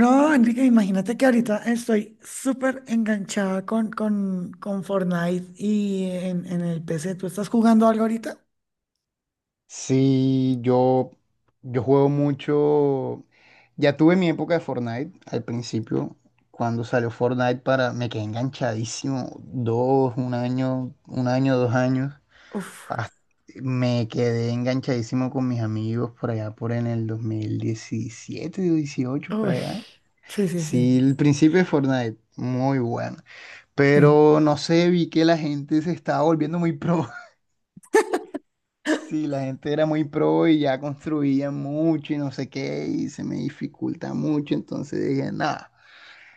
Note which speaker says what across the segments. Speaker 1: No, Enrique, imagínate que ahorita estoy súper enganchada con Fortnite y en el PC. ¿Tú estás jugando algo ahorita?
Speaker 2: Sí, yo juego mucho. Ya tuve mi época de Fortnite al principio. Cuando salió Fortnite para. Me quedé enganchadísimo. Dos, un año, 2 años.
Speaker 1: Uf,
Speaker 2: Me quedé enganchadísimo con mis amigos por allá por en el 2017 o dieciocho por
Speaker 1: uy,
Speaker 2: allá.
Speaker 1: sí, sí, sí,
Speaker 2: Sí, el principio de Fortnite, muy bueno.
Speaker 1: sí,
Speaker 2: Pero no sé, vi que la gente se estaba volviendo muy pro. Sí, la gente era muy pro y ya construía mucho y no sé qué, y se me dificulta mucho, entonces dije, nada,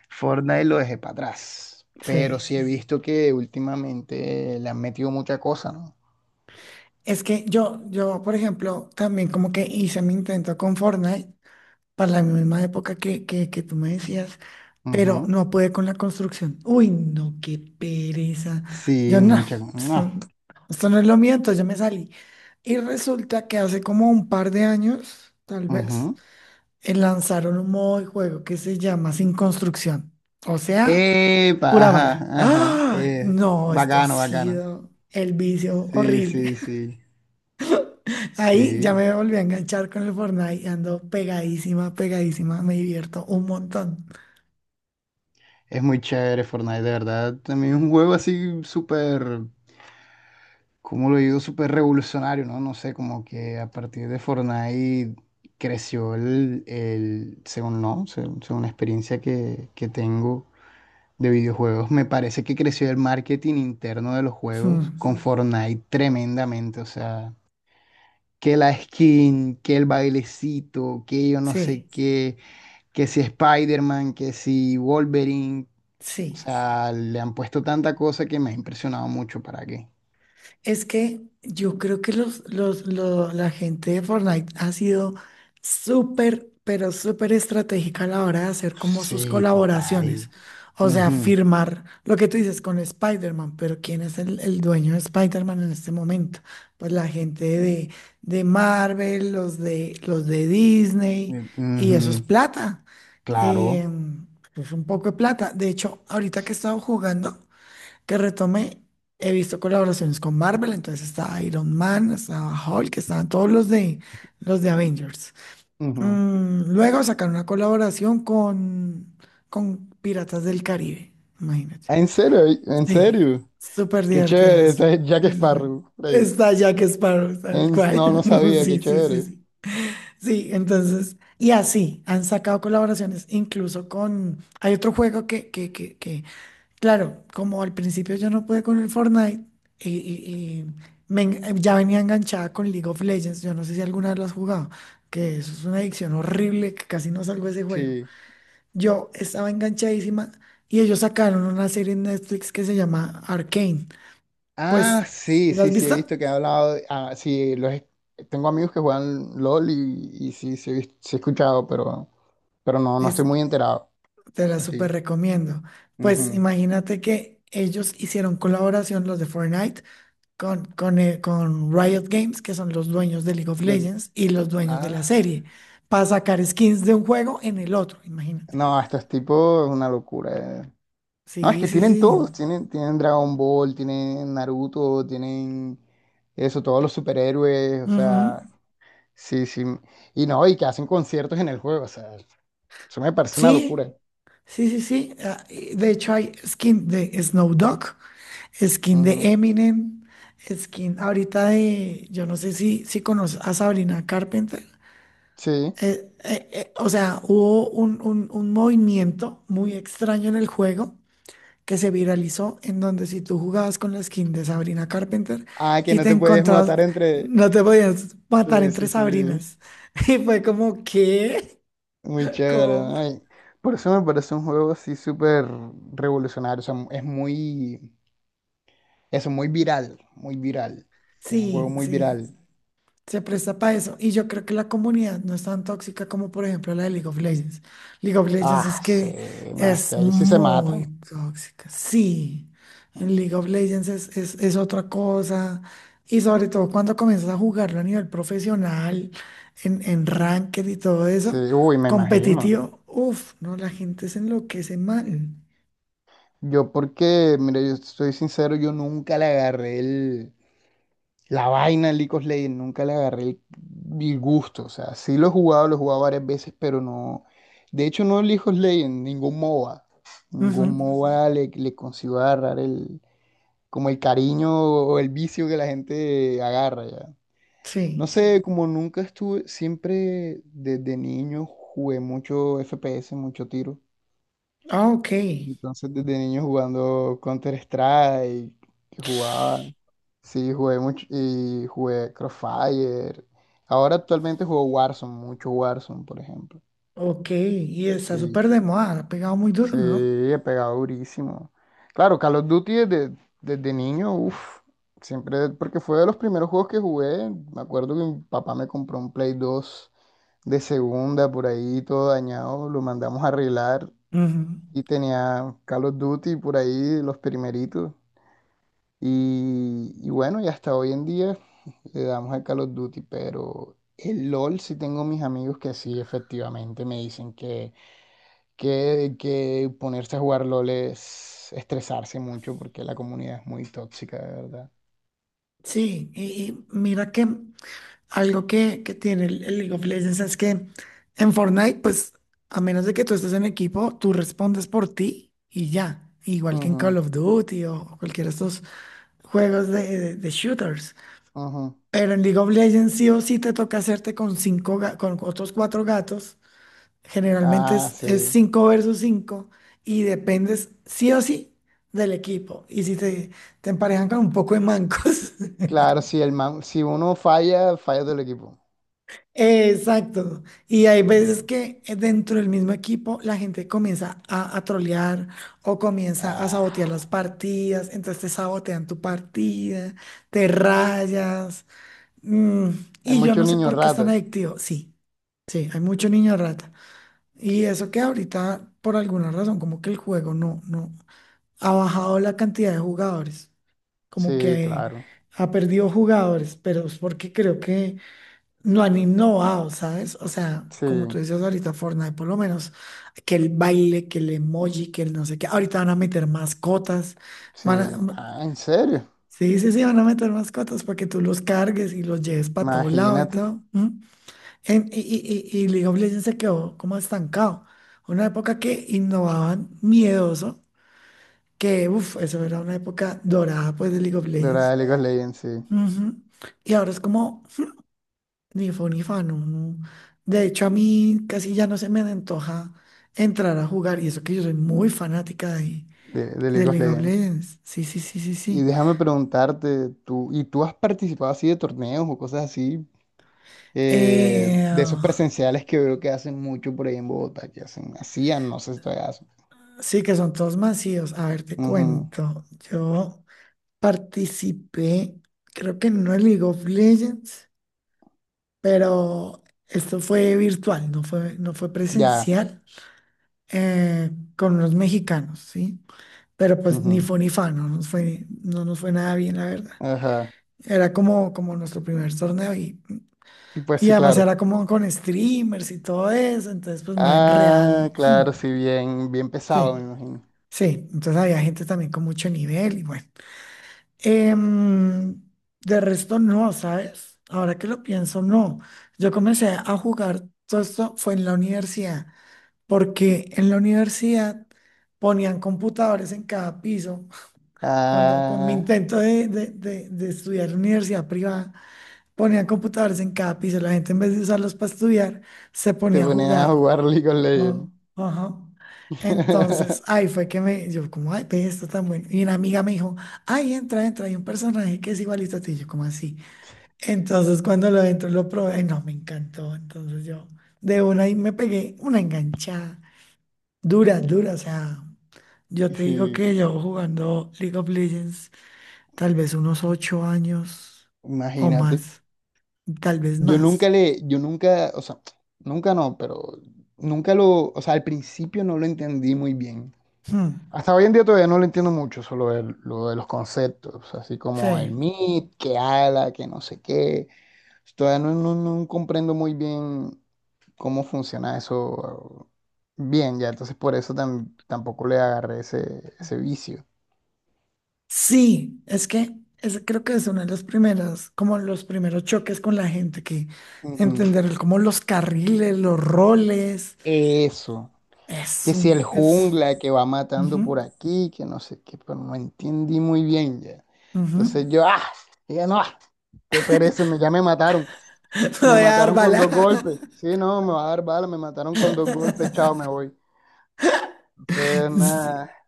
Speaker 2: Fortnite lo dejé para atrás. Pero
Speaker 1: sí.
Speaker 2: sí he visto que últimamente le han metido mucha cosa, ¿no?
Speaker 1: Es que yo, por ejemplo, también como que hice mi intento con Fortnite para la misma época que tú me decías, pero
Speaker 2: Ujú.
Speaker 1: no pude con la construcción. Uy, no, qué pereza.
Speaker 2: Sí,
Speaker 1: Yo no,
Speaker 2: mucha cosa.
Speaker 1: esto,
Speaker 2: No.
Speaker 1: esto no es lo mío, entonces yo me salí. Y resulta que hace como un par de años, tal vez,
Speaker 2: Ujú.
Speaker 1: lanzaron un modo de juego que se llama Sin Construcción, o sea,
Speaker 2: Epa,
Speaker 1: pura
Speaker 2: ajá,
Speaker 1: bala.
Speaker 2: ajá.
Speaker 1: ¡Ah! No, esto ha
Speaker 2: Bacano, bacano.
Speaker 1: sido el vicio
Speaker 2: Sí,
Speaker 1: horrible.
Speaker 2: sí, sí.
Speaker 1: Ahí
Speaker 2: Sí.
Speaker 1: ya me volví a enganchar con el Fortnite, y ando pegadísima, pegadísima, me divierto un montón.
Speaker 2: Es muy chévere Fortnite, de verdad. También es un juego así súper, como lo digo, súper revolucionario, ¿no? No sé, como que a partir de Fortnite creció el según no, según, según la experiencia que tengo de videojuegos, me parece que creció el marketing interno de los juegos
Speaker 1: Mm,
Speaker 2: con. Sí. Fortnite tremendamente, o sea, que la skin, que el bailecito, que yo no sé
Speaker 1: sí,
Speaker 2: qué, que si Spider-Man, que si Wolverine, o
Speaker 1: sí.
Speaker 2: sea, le han puesto tanta cosa que me ha impresionado mucho, ¿para qué?
Speaker 1: Es que yo creo que la gente de Fortnite ha sido súper, pero súper estratégica a la hora de hacer como sus
Speaker 2: Sí,
Speaker 1: colaboraciones.
Speaker 2: total.
Speaker 1: O sea,
Speaker 2: Ujú,
Speaker 1: firmar lo que tú dices con Spider-Man, pero ¿quién es el dueño de Spider-Man en este momento? Pues la gente de Marvel, los de Disney, y eso es
Speaker 2: ujú,
Speaker 1: plata.
Speaker 2: claro.
Speaker 1: Em, es un poco de plata. De hecho, ahorita que he estado jugando, que retomé, he visto colaboraciones con Marvel, entonces estaba Iron Man, estaba Hulk, estaban todos los de Avengers.
Speaker 2: Ujú.
Speaker 1: Luego sacaron una colaboración con Piratas del Caribe, imagínate.
Speaker 2: Ah, ¿en serio? ¿En
Speaker 1: Sí,
Speaker 2: serio?
Speaker 1: súper
Speaker 2: Qué chévere,
Speaker 1: divertidas.
Speaker 2: este es Jack
Speaker 1: Sí, sí, sí.
Speaker 2: Sparrow. Rey.
Speaker 1: Está Jack Sparrow, tal
Speaker 2: No, no
Speaker 1: cual.
Speaker 2: sabía, qué
Speaker 1: Sí, sí, sí,
Speaker 2: chévere.
Speaker 1: sí. Sí, entonces, y así han sacado colaboraciones, incluso con, hay otro juego que. Claro, como al principio yo no pude con el Fortnite, y, y- y ya venía enganchada con League of Legends. Yo no sé si alguna vez lo has jugado, que eso es una adicción horrible, que casi no salgo de ese juego.
Speaker 2: Sí.
Speaker 1: Yo estaba enganchadísima y ellos sacaron una serie en Netflix que se llama Arcane. Pues,
Speaker 2: Ah, sí,
Speaker 1: ¿sí? ¿La
Speaker 2: sí,
Speaker 1: has
Speaker 2: sí, he
Speaker 1: visto?
Speaker 2: visto que ha hablado. Ah, sí, tengo amigos que juegan LOL y, y sí he escuchado, pero, pero no,
Speaker 1: Es,
Speaker 2: estoy muy enterado.
Speaker 1: Te la
Speaker 2: Así.
Speaker 1: súper
Speaker 2: Que.
Speaker 1: recomiendo. Pues
Speaker 2: Ujú.
Speaker 1: imagínate que ellos hicieron colaboración, los de Fortnite con Riot Games, que son los dueños de League of
Speaker 2: Lo-
Speaker 1: Legends y los dueños de
Speaker 2: ah,
Speaker 1: la serie, para sacar skins de un juego en el otro, imagínate.
Speaker 2: no, estos tipos es una locura. No, es
Speaker 1: Sí,
Speaker 2: que
Speaker 1: sí,
Speaker 2: tienen
Speaker 1: sí.
Speaker 2: todos, tienen, tienen Dragon Ball, tienen Naruto, tienen eso, todos los superhéroes, o
Speaker 1: Ujú.
Speaker 2: sea, sí, sí. Y no, y que hacen conciertos en el juego, o sea, eso me parece una
Speaker 1: Sí,
Speaker 2: locura.
Speaker 1: sí, sí, sí. Ah, y de hecho, hay skin de Snow Dogg, skin
Speaker 2: Ujú,
Speaker 1: de Eminem, skin ahorita de, yo no sé si conoces a Sabrina Carpenter.
Speaker 2: sí.
Speaker 1: O sea, hubo un movimiento muy extraño en el juego que se viralizó, en donde si tú jugabas con la skin de Sabrina Carpenter
Speaker 2: Ah, que
Speaker 1: y
Speaker 2: no
Speaker 1: te
Speaker 2: te puedes
Speaker 1: encontrabas,
Speaker 2: matar entre...
Speaker 1: no te podías matar
Speaker 2: Sí,
Speaker 1: entre
Speaker 2: sí, sí.
Speaker 1: Sabrinas. Y fue como, ¿qué?
Speaker 2: Muy chévere.
Speaker 1: ¿Cómo?
Speaker 2: Ay. Por eso me parece un juego así súper revolucionario, o sea, es muy... Eso, muy viral, muy viral. Es un juego
Speaker 1: Sí,
Speaker 2: muy
Speaker 1: sí,
Speaker 2: viral.
Speaker 1: se presta para eso. Y yo creo que la comunidad no es tan tóxica como, por ejemplo, la de League of Legends. League of Legends
Speaker 2: Ah,
Speaker 1: es
Speaker 2: sí,
Speaker 1: que
Speaker 2: no, es que
Speaker 1: es
Speaker 2: ahí sí se
Speaker 1: muy
Speaker 2: matan.
Speaker 1: tóxica. Sí, en League of Legends es otra cosa. Y sobre todo cuando comienzas a jugarlo a nivel profesional, en ranked y todo
Speaker 2: Sí,
Speaker 1: eso,
Speaker 2: uy, me imagino.
Speaker 1: competitivo, uff, no, la gente se enloquece mal.
Speaker 2: Yo porque, mira, yo soy sincero, yo nunca le agarré el, la vaina al League of Legends, nunca le agarré el gusto. O sea, sí lo he jugado varias veces, pero no. De hecho, no el League of Legends, ningún MOBA.
Speaker 1: Ujú,
Speaker 2: Ningún, ujú, MOBA le consigo agarrar como el cariño o el vicio que la gente agarra ya. No
Speaker 1: sí.
Speaker 2: sé, como nunca estuve, siempre desde niño jugué mucho FPS, mucho tiro.
Speaker 1: Ah, ok.
Speaker 2: Entonces, desde niño jugando Counter-Strike, que jugaba, sí, jugué mucho y jugué Crossfire. Ahora actualmente juego Warzone, mucho Warzone, por ejemplo.
Speaker 1: Ok. Y está
Speaker 2: Sí,
Speaker 1: súper de moda, ha pegado muy duro,
Speaker 2: sí,
Speaker 1: ¿no?
Speaker 2: he pegado durísimo. Claro, Call of Duty desde niño, uff, siempre, porque fue de los primeros juegos que jugué. Me acuerdo que mi papá me compró un Play 2 de segunda, por ahí todo dañado, lo mandamos a arreglar
Speaker 1: Ujú.
Speaker 2: y tenía Call of Duty por ahí, los primeritos. Y bueno, y hasta hoy en día le damos al Call of Duty, pero el LOL sí tengo mis amigos que sí, efectivamente, me dicen que ponerse a jugar LOL es estresarse mucho porque la comunidad es muy tóxica, de verdad.
Speaker 1: Sí, y mira que algo que tiene el League of Legends es que en Fortnite, pues a menos de que tú estés en equipo, tú respondes por ti y ya, igual que en Call
Speaker 2: Ujú,
Speaker 1: of Duty o cualquiera de estos juegos de shooters.
Speaker 2: ujú.
Speaker 1: Pero en League of Legends sí o sí te toca hacerte con con otros cuatro gatos. Generalmente
Speaker 2: Ah,
Speaker 1: es
Speaker 2: sí.
Speaker 1: cinco versus cinco y dependes sí o sí del equipo. Y si te emparejan con un poco de mancos.
Speaker 2: Claro, si uno falla, falla todo el equipo.
Speaker 1: Exacto. Y hay veces
Speaker 2: Ujú.
Speaker 1: que dentro del mismo equipo la gente comienza a trolear o comienza a sabotear las
Speaker 2: Ah,
Speaker 1: partidas, entonces te sabotean tu partida, te rayas. mm,
Speaker 2: hay
Speaker 1: y yo no
Speaker 2: muchos
Speaker 1: sé
Speaker 2: niños
Speaker 1: por qué es tan
Speaker 2: ratas.
Speaker 1: adictivo. Sí, sí, hay mucho niño rata. Y eso que ahorita, por alguna razón, como que el juego no ha bajado la cantidad de jugadores como
Speaker 2: Sí,
Speaker 1: que
Speaker 2: claro.
Speaker 1: ha perdido jugadores, pero es porque creo que no han innovado, ¿sabes? O sea,
Speaker 2: Sí,
Speaker 1: como tú decías ahorita, Fortnite, por lo menos, que el baile, que el emoji, que el no sé qué. Ahorita van a meter mascotas.
Speaker 2: sí.
Speaker 1: Van a- m-
Speaker 2: Ah, en serio.
Speaker 1: sí, sí, sí, van a meter mascotas para que tú los cargues y los lleves para todo lado y
Speaker 2: Imagínate.
Speaker 1: todo. ¿M? Y League of Legends se quedó como estancado. Una época que innovaban miedoso, que, uff, eso era una época dorada, pues, de League of
Speaker 2: De verdad,
Speaker 1: Legends.
Speaker 2: de League of Legends, sí.
Speaker 1: Ujú. Y ahora es como. Ni fu ni fa, no, no. De hecho, a mí casi ya no se me antoja entrar a jugar, y eso que yo soy muy fanática de,
Speaker 2: De
Speaker 1: de
Speaker 2: League of
Speaker 1: League of
Speaker 2: Legends.
Speaker 1: Legends. Sí, sí, sí, sí,
Speaker 2: Y
Speaker 1: sí.
Speaker 2: déjame preguntarte, tú, ¿y tú has participado así de torneos o cosas así?
Speaker 1: Eh,
Speaker 2: De esos presenciales que veo que hacen mucho por ahí en Bogotá, que hacen, hacían, no sé si todavía hacen.
Speaker 1: sí, que son todos masivos. A ver, te
Speaker 2: Ujú,
Speaker 1: cuento. Yo participé, creo que no en League of Legends, pero esto fue virtual, no fue
Speaker 2: ya.
Speaker 1: presencial, eh, con los mexicanos, ¿sí? Pero pues ni
Speaker 2: Ujú,
Speaker 1: fu ni fa, no nos fue nada bien, la verdad.
Speaker 2: ajá.
Speaker 1: Era como nuestro primer torneo y,
Speaker 2: Y pues
Speaker 1: y
Speaker 2: sí,
Speaker 1: además
Speaker 2: claro.
Speaker 1: era como con streamers y todo eso, entonces pues más en
Speaker 2: Ah,
Speaker 1: real.
Speaker 2: claro, sí, bien, bien
Speaker 1: Sí,
Speaker 2: pesado, me imagino.
Speaker 1: sí, entonces había gente también con mucho nivel y bueno. Em, de resto no, ¿sabes? Ahora que lo pienso, no. Yo comencé a jugar, todo esto fue en la universidad, porque en la universidad ponían computadores en cada piso. Cuando, con mi
Speaker 2: Ah,
Speaker 1: intento de estudiar en universidad privada, ponían computadores en cada piso, la gente en vez de usarlos para estudiar, se
Speaker 2: te
Speaker 1: ponía a
Speaker 2: ponían a
Speaker 1: jugar.
Speaker 2: jugar League of Legends.
Speaker 1: ¿No? Ajá. Entonces, ahí fue que yo como, ay, ve esto tan bueno. Y una amiga me dijo, ay, entra, entra, hay un personaje que es igualito a ti, yo como así. Entonces, cuando lo entro, lo probé, ay, no, me encantó. Entonces yo, de una ahí me pegué una enganchada, dura, dura, o sea, yo te digo
Speaker 2: Sí,
Speaker 1: que yo jugando League of Legends, tal vez unos 8 años o
Speaker 2: imagínate.
Speaker 1: más, tal vez
Speaker 2: Yo nunca
Speaker 1: más.
Speaker 2: le, yo nunca, o sea, nunca no, pero nunca lo, o sea, al principio no lo entendí muy bien.
Speaker 1: Hmm,
Speaker 2: Hasta hoy en día todavía no lo entiendo mucho, solo lo de los conceptos, así como el
Speaker 1: sí.
Speaker 2: MIT, que ala, que no sé qué. Todavía no comprendo muy bien cómo funciona eso bien, ya, entonces por eso tampoco le agarré ese vicio.
Speaker 1: Sí, es que creo que es uno de los primeros, como los primeros choques con la gente, que
Speaker 2: Ujú.
Speaker 1: entender como los carriles, los roles,
Speaker 2: Eso.
Speaker 1: es
Speaker 2: Que si el
Speaker 1: un,
Speaker 2: jungla que va matando
Speaker 1: ujú,
Speaker 2: por aquí, que no sé qué, pero no entendí muy bien ya.
Speaker 1: ujú.
Speaker 2: Entonces yo, ah, ya no, ah, qué pereza, ya me mataron.
Speaker 1: Me
Speaker 2: Me
Speaker 1: voy a dar
Speaker 2: mataron con
Speaker 1: bala.
Speaker 2: dos golpes. Sí, no, me va a dar bala, me mataron con dos golpes, chao, me voy. Entonces,
Speaker 1: Sí,
Speaker 2: nada,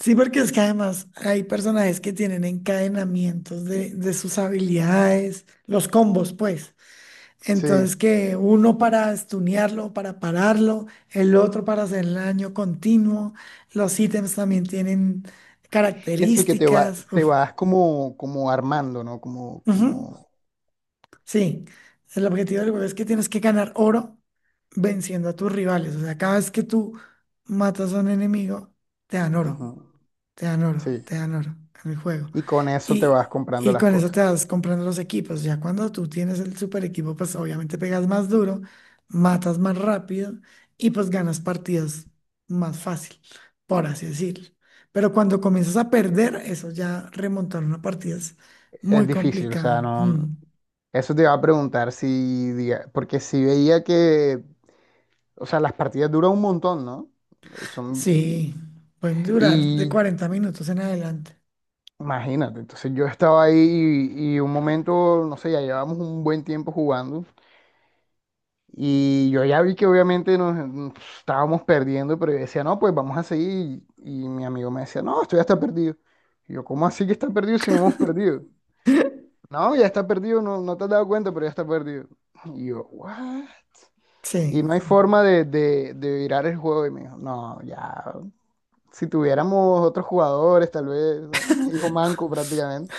Speaker 1: sí, porque es que además hay personajes que tienen encadenamientos de sus habilidades, los combos, pues.
Speaker 2: sí.
Speaker 1: Entonces que uno para estunearlo, para pararlo, el otro para hacer el daño continuo. Los ítems también tienen
Speaker 2: Eso que te va,
Speaker 1: características.
Speaker 2: te
Speaker 1: Uf.
Speaker 2: vas como, armando, ¿no? Como,
Speaker 1: Ujú.
Speaker 2: como,
Speaker 1: Sí, el objetivo del juego es que tienes que ganar oro venciendo a tus rivales. O sea, cada vez que tú matas a un enemigo, te dan
Speaker 2: ujú,
Speaker 1: oro. Te dan oro,
Speaker 2: sí.
Speaker 1: te dan oro en el juego.
Speaker 2: Y con eso te vas
Speaker 1: Y,
Speaker 2: comprando
Speaker 1: y
Speaker 2: las
Speaker 1: con eso te
Speaker 2: cosas.
Speaker 1: vas comprando los equipos. Ya cuando tú tienes el super equipo, pues obviamente pegas más duro, matas más rápido y pues ganas partidas más fácil, por así decirlo. Pero cuando comienzas a perder, eso ya remontar una partida es
Speaker 2: Es
Speaker 1: muy
Speaker 2: difícil, o
Speaker 1: complicado.
Speaker 2: sea, no.
Speaker 1: Mm.
Speaker 2: Eso te iba a preguntar si, porque si veía que. O sea, las partidas duran un montón, ¿no? Son,
Speaker 1: Sí, pueden durar de
Speaker 2: y
Speaker 1: 40 minutos en adelante.
Speaker 2: imagínate, entonces yo estaba ahí y un momento, no sé, ya llevábamos un buen tiempo jugando y yo ya vi que obviamente nos estábamos perdiendo, pero yo decía, no, pues vamos a seguir y, mi amigo me decía, no, esto ya está perdido. Y yo, ¿cómo así que está perdido si no hemos perdido? No, ya está perdido, no, no te has dado cuenta, pero ya está perdido. Y yo, ¿what?
Speaker 1: Sí,
Speaker 2: Y no hay forma de virar el juego. Y me dijo, no, ya, si tuviéramos otros jugadores, tal vez, o sea, mi hijo manco prácticamente.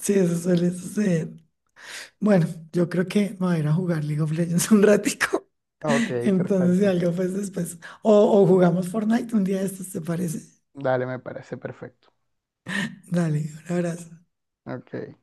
Speaker 1: sí, eso suele suceder. Bueno, yo creo que me voy a ir a jugar League of Legends un ratico.
Speaker 2: Ok,
Speaker 1: Entonces, si
Speaker 2: perfecto.
Speaker 1: algo, pues después. O jugamos Fortnite un día de estos, ¿te parece?
Speaker 2: Dale, me parece perfecto.
Speaker 1: Dale, un abrazo.
Speaker 2: Ok.